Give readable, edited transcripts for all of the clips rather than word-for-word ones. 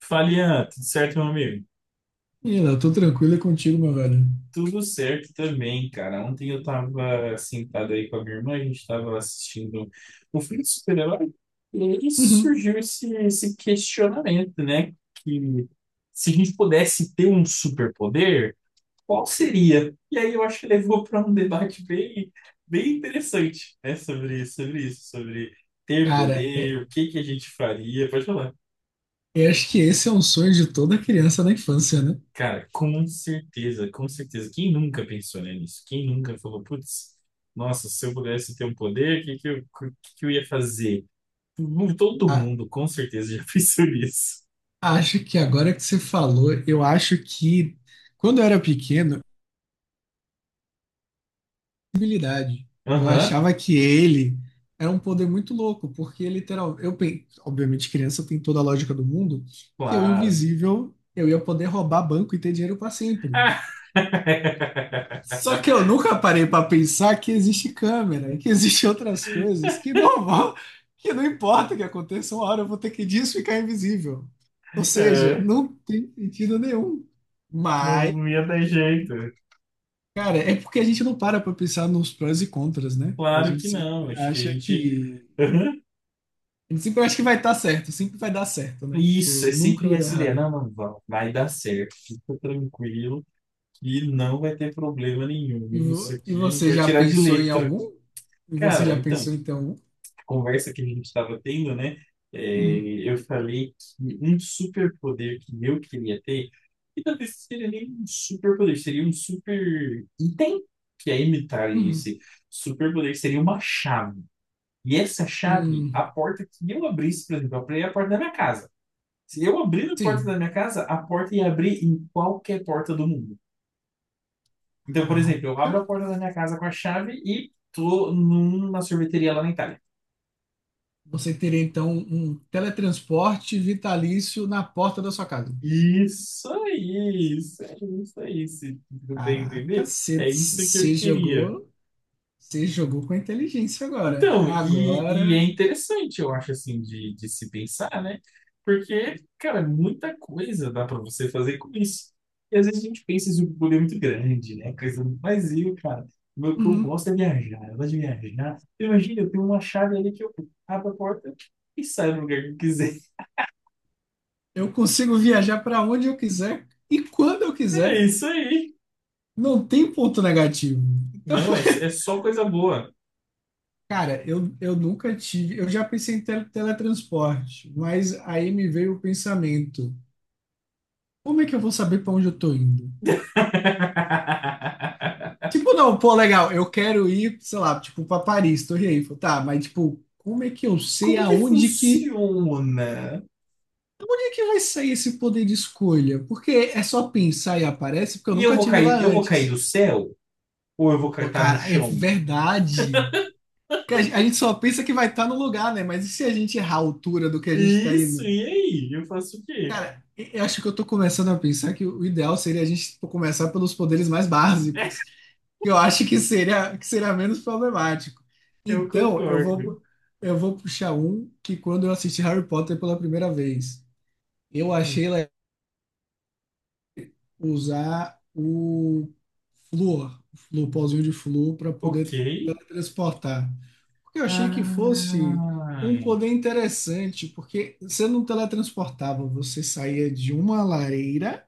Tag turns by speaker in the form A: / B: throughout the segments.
A: Falian, tudo certo, meu amigo?
B: Ih, Léo, tô tranquilo é contigo, meu velho.
A: Tudo certo também, cara. Ontem eu tava sentado aí com a minha irmã, a gente tava assistindo o filme de super-herói, e aí
B: Uhum.
A: surgiu esse questionamento, né? Que se a gente pudesse ter um superpoder, qual seria? E aí eu acho que levou para um debate bem interessante, né? Sobre isso, sobre ter
B: Cara,
A: poder, o que que a gente faria. Pode falar.
B: eu acho que esse é um sonho de toda criança na infância, né?
A: Cara, com certeza, com certeza. Quem nunca pensou, né, nisso? Quem nunca falou, putz, nossa, se eu pudesse ter um poder, o que que eu ia fazer? Todo
B: A-
A: mundo, com certeza, já pensou nisso.
B: Acho que agora que você falou, eu acho que quando eu era pequeno, habilidade. Eu
A: Aham,
B: achava que ele era um poder muito louco, porque literal, eu, obviamente, criança tem toda a lógica do mundo, que eu
A: claro.
B: invisível, eu ia poder roubar banco e ter dinheiro pra sempre.
A: Ah!
B: Só que eu nunca parei para pensar que existe câmera, que existe outras coisas que não vão, que não importa o que aconteça, uma hora eu vou ter que disso ficar invisível. Ou seja,
A: É,
B: não tem sentido nenhum.
A: não,
B: Mas,
A: não ia dar jeito.
B: cara, é porque a gente não para para pensar nos prós e contras, né? A
A: Claro
B: gente
A: que não.
B: sempre
A: Acho que a
B: acha
A: gente.
B: que
A: Aham.
B: a gente sempre acha que vai estar certo, sempre vai dar certo, né? Tipo,
A: Isso, é
B: nunca
A: sempre
B: vai dar
A: essa ideia.
B: errado.
A: Não, não, vai dar certo. Fica tranquilo e não vai ter problema
B: E,
A: nenhum. Isso
B: e
A: aqui a gente
B: você
A: vai
B: já
A: tirar de
B: pensou em
A: letra.
B: algum? E você
A: Cara,
B: já
A: então,
B: pensou em ter algum?
A: conversa que a gente estava tendo, né?
B: Uhum,
A: é, eu falei que um superpoder que eu queria ter, e talvez seria nem um superpoder, seria um super item que é imitar
B: uhum,
A: esse superpoder, seria uma chave. E essa chave,
B: hum,
A: a porta que eu abrisse, por exemplo, eu abri a porta da minha casa. Se eu abrir a porta
B: sim.
A: da minha casa, a porta ia abrir em qualquer porta do mundo. Então, por exemplo, eu
B: Caraca.
A: abro a porta da minha casa com a chave e tô numa sorveteria lá na Itália.
B: Você teria então um teletransporte vitalício na porta da sua casa.
A: Isso aí, isso aí, isso aí, se tu tem
B: Caraca,
A: entender, é isso que eu queria.
B: você jogou com inteligência agora.
A: Então,
B: Agora,
A: e é interessante, eu acho, assim, de se pensar, né? Porque, cara, muita coisa dá para você fazer com isso. E às vezes a gente pensa isso um poder muito grande, né? Coisa, mas eu, cara, o que eu
B: uhum,
A: gosto é viajar, eu gosto de viajar. Imagina, eu tenho uma chave ali que eu abro a porta e saio no lugar que eu quiser.
B: eu consigo viajar para onde eu quiser e quando eu
A: É
B: quiser.
A: isso aí.
B: Não tem ponto negativo. Então,
A: Não, é, é só coisa boa.
B: cara, eu nunca tive. Eu já pensei em teletransporte, mas aí me veio o pensamento: como é que eu vou saber para onde eu tô indo? Tipo, não, pô, legal, eu quero ir, sei lá, tipo, pra Paris, Torre Eiffel, tá, mas tipo, como é que eu sei
A: Como que
B: aonde que,
A: funciona?
B: como é que vai sair esse poder de escolha? Porque é só pensar e aparece, porque eu
A: E
B: nunca tive lá
A: eu vou cair
B: antes.
A: do céu? Ou eu vou
B: Pô,
A: cair, tá no
B: cara, é
A: chão?
B: verdade. Porque a gente só pensa que vai estar no lugar, né? Mas e se a gente errar a altura do que a gente tá
A: Isso,
B: indo?
A: e aí? Eu faço o quê?
B: Cara, eu acho que eu tô começando a pensar que o ideal seria a gente tipo, começar pelos poderes mais básicos. Que eu acho que seria menos problemático.
A: Eu
B: Então,
A: concordo.
B: eu vou puxar um que quando eu assisti Harry Potter pela primeira vez, eu
A: Hum,
B: achei legal usar o flúor, o pozinho de flúor, para
A: Ok.
B: poder transportar. Porque eu achei que fosse
A: Ah,
B: um poder interessante, porque você não teletransportava, você saía de uma lareira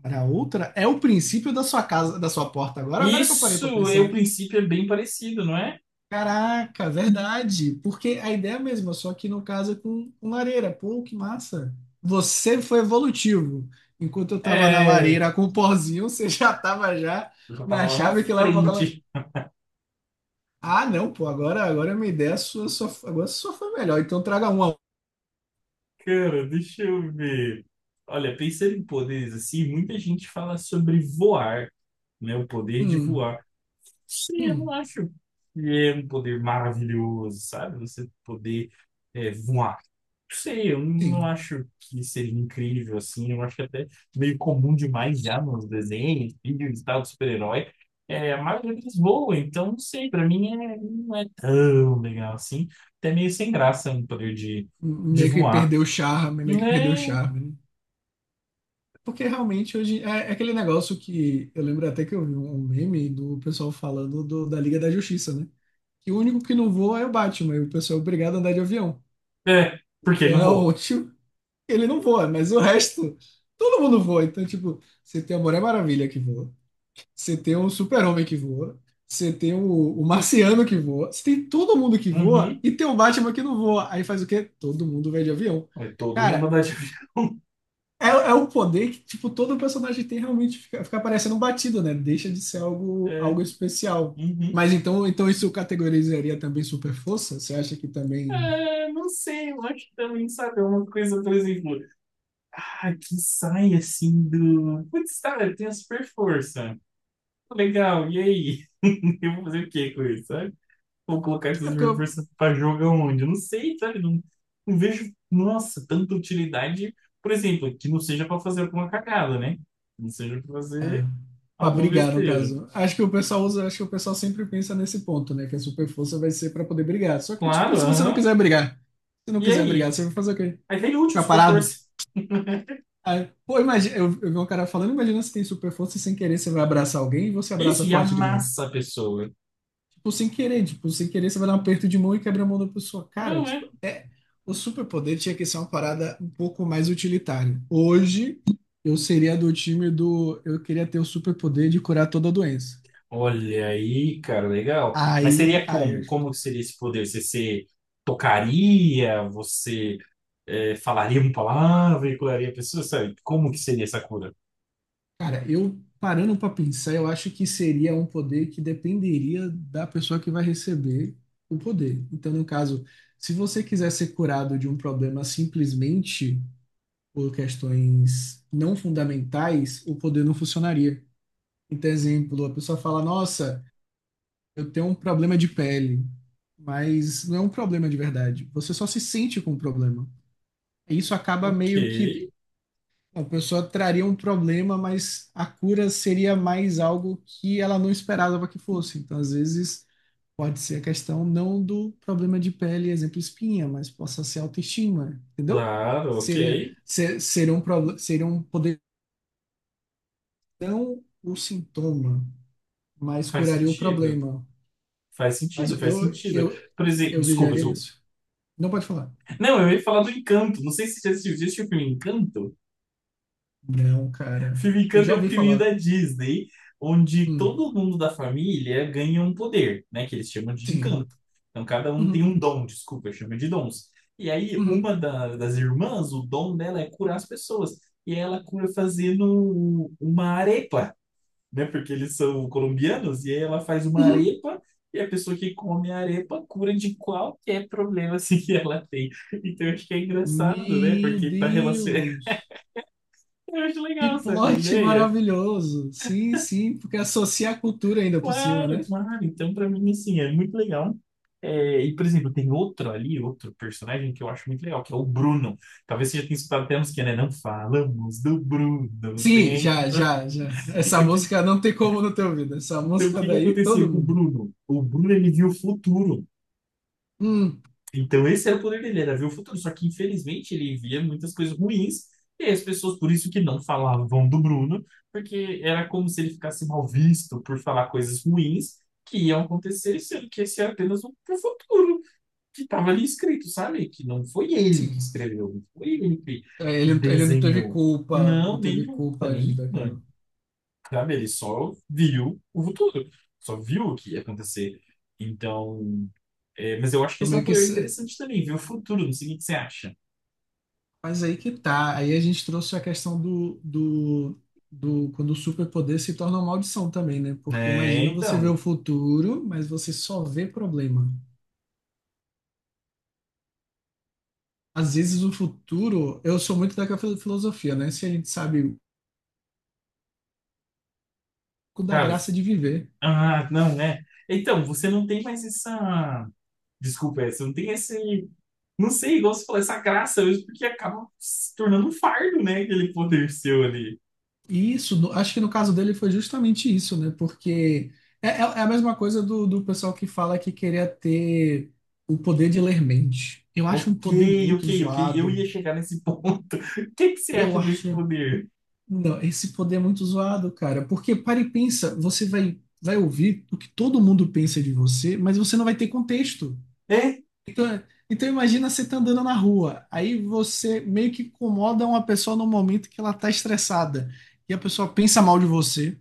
B: para outra. É o princípio da sua casa, da sua porta agora, agora que eu parei para
A: isso, é, o
B: pensar.
A: princípio é bem parecido, não é?
B: Caraca, verdade. Porque a ideia é a mesma, só que no caso é com lareira. Pô, que massa. Você foi evolutivo. Enquanto eu tava na
A: É,
B: lareira com o pozinho, você já tava já
A: eu já tava
B: na
A: lá na
B: chave que leva pra aquela.
A: frente.
B: Ah, não, pô, agora a minha ideia sua, só, agora só foi melhor. Então traga uma.
A: Cara, deixa eu ver. Olha, pensando em poderes assim, muita gente fala sobre voar, né? O poder de
B: Hum,
A: voar. Sim, eu não
B: hum,
A: acho que é um poder maravilhoso, sabe? Você poder voar. Não sei, eu não
B: sim.
A: acho que seja incrível assim. Eu acho que até meio comum demais já nos desenhos, filmes e tal, de super-herói. É, a maioria deles voa, então não sei, pra mim é, não é tão legal assim. Até meio sem graça um poder de voar.
B: Meio que perdeu o
A: Né?
B: charme, né? Porque realmente hoje é, é aquele negócio que eu lembro até que eu vi um meme do pessoal falando da Liga da Justiça, né? E o único que não voa é o Batman. E o pessoal é obrigado a andar de avião.
A: É, porque
B: É
A: ele não
B: o
A: voa.
B: único. Ele não voa, mas o resto, todo mundo voa. Então, tipo, você tem a Mulher Maravilha que voa. Você tem o Super-Homem que voa. Você tem o, o Marciano que voa. Você tem todo mundo que voa.
A: Uhum.
B: E tem o Batman que não voa. Aí faz o quê? Todo mundo vai de avião.
A: É todo mundo
B: Cara,
A: andar de avião.
B: é o poder que, tipo, todo personagem tem realmente. Fica parecendo um batido, né? Deixa de ser algo, algo
A: É.
B: especial.
A: Uhum.
B: Mas então, então isso categorizaria também super força? Você acha que também
A: É, não sei, eu acho que também, sabe, é uma coisa, por exemplo, ah, que sai assim do. Putz, tá, eu tenho a super força. Legal, e aí? Eu vou fazer o que com isso, sabe? Vou colocar
B: É
A: essa
B: porque
A: super
B: eu...
A: força pra jogar onde? Eu não sei, sabe? Não, não vejo, nossa, tanta utilidade, por exemplo, que não seja pra fazer alguma cagada, né? Não seja pra
B: É,
A: fazer
B: pra
A: alguma
B: brigar, no
A: besteira.
B: caso. Acho que o pessoal sempre pensa nesse ponto, né? Que a super força vai ser pra poder brigar. Só que, tipo, e
A: Claro,
B: se você não
A: aham.
B: quiser brigar? Se não
A: E
B: quiser brigar,
A: aí?
B: você vai fazer o quê?
A: Aí tem útil
B: Ficar
A: super
B: parado?
A: força.
B: Aí, pô, imagina, eu vi um cara falando, imagina se tem super força e sem querer você vai abraçar alguém e você
A: Isso,
B: abraça
A: e
B: forte demais.
A: amassa a pessoa.
B: Tipo, sem querer você vai dar um aperto de mão e quebra a mão da pessoa. Cara,
A: Não, é.
B: tipo, é. O superpoder tinha que ser uma parada um pouco mais utilitária. Hoje, eu seria do time do. Eu queria ter o superpoder de curar toda a doença.
A: Olha aí, cara, legal. Mas seria como? Como
B: Tipo,
A: que seria esse poder? Você, se tocaria? Você falaria uma palavra e curaria a pessoa? Sabe? Como que seria essa cura?
B: cara, eu parando pra pensar, eu acho que seria um poder que dependeria da pessoa que vai receber o poder. Então, no caso, se você quiser ser curado de um problema simplesmente por questões não fundamentais, o poder não funcionaria. Então, exemplo, a pessoa fala: Nossa, eu tenho um problema de pele, mas não é um problema de verdade. Você só se sente com o problema. E Isso acaba
A: Ok,
B: meio que a pessoa traria um problema, mas a cura seria mais algo que ela não esperava que fosse. Então, às vezes, pode ser a questão não do problema de pele, exemplo, espinha, mas possa ser autoestima, entendeu?
A: claro, ok.
B: Seria um, seria um poder, um sintoma, mas
A: Faz
B: curaria o
A: sentido.
B: problema.
A: Faz
B: caso,
A: sentido, faz
B: eu,
A: sentido.
B: eu,
A: Por exemplo,
B: eu viajaria
A: desculpa.
B: nisso. Não pode falar.
A: Não, eu ia falar do Encanto. Não sei se você assistiu, você assistiu o filme Encanto.
B: Não, cara.
A: Filme
B: Eu
A: Encanto
B: já
A: é um
B: ouvi
A: filminho da
B: falar.
A: Disney, onde
B: Hum,
A: todo mundo da família ganha um poder, né? Que eles chamam de
B: sim.
A: encanto. Então cada um tem
B: Uhum,
A: um dom, desculpa, chama de dons. E aí
B: uhum,
A: uma da- das irmãs, o dom dela é curar as pessoas. E ela cura fazendo uma arepa, né? Porque eles são colombianos, e aí ela faz uma
B: uhum.
A: arepa. E a pessoa que come a arepa cura de qualquer problema assim, que ela tem. Então eu acho que é engraçado, né?
B: Meu
A: Porque tá relacionado.
B: Deus!
A: Eu acho
B: Que
A: legal, sabe, a
B: plot
A: ideia?
B: maravilhoso! Sim, sim, porque associa a cultura ainda por cima,
A: Claro,
B: né?
A: claro. Então, pra mim, assim, é muito legal. É, e, por exemplo, tem outro ali, outro personagem que eu acho muito legal, que é o Bruno. Talvez você já tenha escutado até a música, né? Não falamos do Bruno.
B: Sim,
A: Tem...
B: já,
A: Então,
B: já, já. Essa
A: o que,
B: música não tem como não ter ouvido. Essa
A: então, o
B: música
A: que
B: daí, todo
A: aconteceu com o
B: mundo.
A: Bruno? O Bruno, ele viu o futuro.
B: Hum,
A: Então, esse era o poder dele, era ver o futuro. Só que, infelizmente, ele via muitas coisas ruins. E as pessoas, por isso que não falavam do Bruno, porque era como se ele ficasse mal visto por falar coisas ruins que iam acontecer, sendo que esse era apenas um pro futuro que estava ali escrito, sabe? Que não foi ele que
B: sim.
A: escreveu, não foi ele
B: É,
A: que
B: Ele não teve
A: desenhou.
B: culpa,
A: Não,
B: não teve
A: nenhuma,
B: culpa de,
A: nenhuma.
B: daquilo.
A: Sabe? Ele só viu o futuro, só viu o que ia acontecer. Então, é, mas eu acho que
B: Então,
A: esse é um
B: meio que.
A: poder interessante também, ver o futuro, não sei o que você acha.
B: Mas aí que tá. Aí a gente trouxe a questão do quando o superpoder se torna uma maldição também, né? Porque
A: É,
B: imagina você ver
A: então,
B: o futuro, mas você só vê problema. Às vezes o futuro, eu sou muito daquela filosofia, né? Se a gente sabe o pouco da
A: cara,
B: graça
A: s-
B: de viver.
A: ah, não, é. Então, você não tem mais essa. Desculpa, é, você não tem esse. Não sei, igual você falou, essa graça mesmo, porque acaba se tornando um fardo, né? Aquele poder seu ali.
B: E isso, acho que no caso dele foi justamente isso, né? Porque é a mesma coisa do pessoal que fala que queria ter o poder de ler mente. Eu acho um
A: Ok,
B: poder
A: ok,
B: muito
A: ok. Eu
B: zoado.
A: ia chegar nesse ponto. O que que você acha
B: Eu
A: desse
B: acho.
A: poder?
B: Não, esse poder é muito zoado, cara. Porque para e pensa, vai ouvir o que todo mundo pensa de você, mas você não vai ter contexto.
A: É,
B: Então, então imagina você tá andando na rua, aí você meio que incomoda uma pessoa no momento que ela tá estressada e a pessoa pensa mal de você.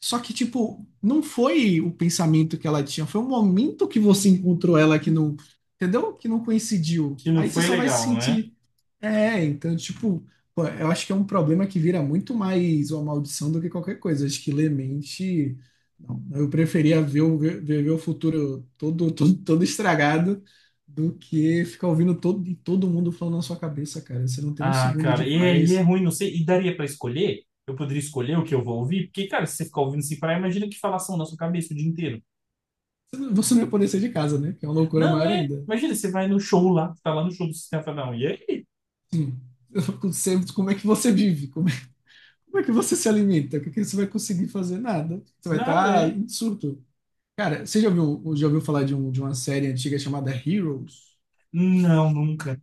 B: Só que, tipo, não foi o pensamento que ela tinha, foi o momento que você encontrou ela que não, entendeu? Que não coincidiu.
A: que não
B: Aí você
A: foi
B: só vai se
A: legal, né?
B: sentir. É, então, tipo, pô, eu acho que é um problema que vira muito mais uma maldição do que qualquer coisa. Acho que ler mente. Não. Eu preferia ver o futuro todo estragado do que ficar ouvindo todo mundo falando na sua cabeça, cara. Você não tem um
A: Ah,
B: segundo de
A: cara, e é
B: paz.
A: ruim, não sei. E daria pra escolher? Eu poderia escolher o que eu vou ouvir? Porque, cara, se você ficar ouvindo sem parar, imagina que falação na sua cabeça o dia inteiro.
B: Você não ia poder sair de casa, né? Que é uma loucura
A: Não,
B: maior
A: é.
B: ainda.
A: Imagina, você vai no show lá, tá lá no show do Sistema Fadão. E aí?
B: Sim. Eu fico sempre, como é que você vive? Como é que você se alimenta? O que que você vai conseguir fazer? Nada. Você vai
A: Nada,
B: estar
A: é?
B: em surto. Cara, já ouviu falar de, um, de uma série antiga chamada Heroes?
A: Não, nunca.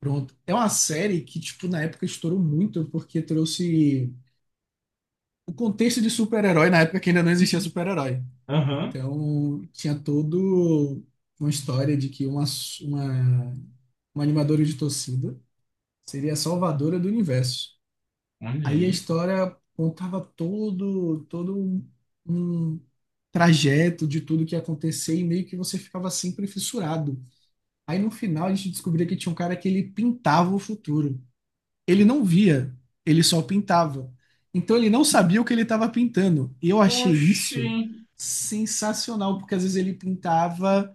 B: Pronto. É uma série que, tipo, na época estourou muito porque trouxe o contexto de super-herói na época que ainda não existia super-herói.
A: Aham.
B: Então, tinha todo uma história de que uma, uma animadora de torcida seria a salvadora do universo.
A: Olha
B: Aí a
A: aí.
B: história contava todo um trajeto de tudo que ia acontecer e meio que você ficava sempre fissurado. Aí no final a gente descobria que tinha um cara que ele pintava o futuro. Ele não via, ele só pintava. Então ele não sabia o que ele estava pintando. E eu achei
A: Oxi.
B: isso sensacional, porque às vezes ele pintava.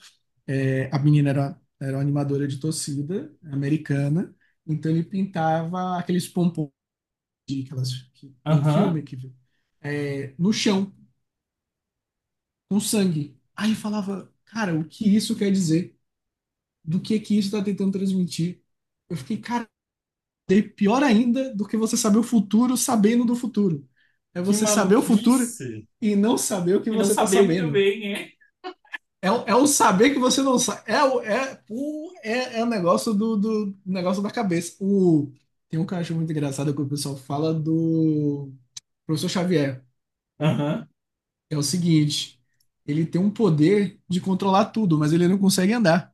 B: É, a menina era uma animadora de torcida americana, então ele pintava aqueles pompons que tem
A: Aham.
B: filme que é, no chão, com sangue. Aí eu falava, cara, o que isso quer dizer? Do que isso está tentando transmitir? Eu fiquei, Daí pior ainda do que você saber o futuro sabendo do futuro. É
A: Que
B: você saber o futuro
A: maluquice.
B: e não saber o que
A: E não
B: você está
A: saber muito
B: sabendo.
A: bem, é?
B: É, é o saber que você não sabe. É o é, pô, é, é o negócio do negócio da cabeça. O, tem um que eu acho muito engraçado que o pessoal fala do professor Xavier.
A: Aham.
B: É o seguinte, ele tem um poder de controlar tudo, mas ele não consegue andar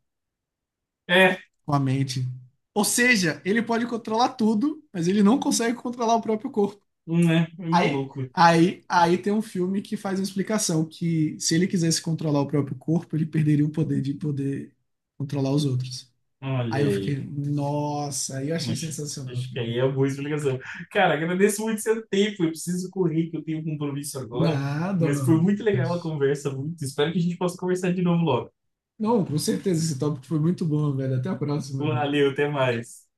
A: É,
B: com a mente. Ou seja, ele pode controlar tudo, mas ele não consegue controlar o próprio corpo.
A: né? É é maluco.
B: Aí tem um filme que faz uma explicação que se ele quisesse controlar o próprio corpo, ele perderia o poder de poder controlar os outros.
A: Olha
B: Aí eu fiquei,
A: aí.
B: nossa, aí eu achei
A: Acho,
B: sensacional,
A: acho que
B: cara.
A: aí é uma boa explicação. Cara, agradeço muito seu tempo. Eu preciso correr, que eu tenho um compromisso agora.
B: Nada,
A: Mas foi
B: mano.
A: muito legal a conversa, muito. Espero que a gente possa conversar de novo logo.
B: Não, com certeza esse tópico foi muito bom, velho. Até a próxima, velho.
A: Valeu, até mais.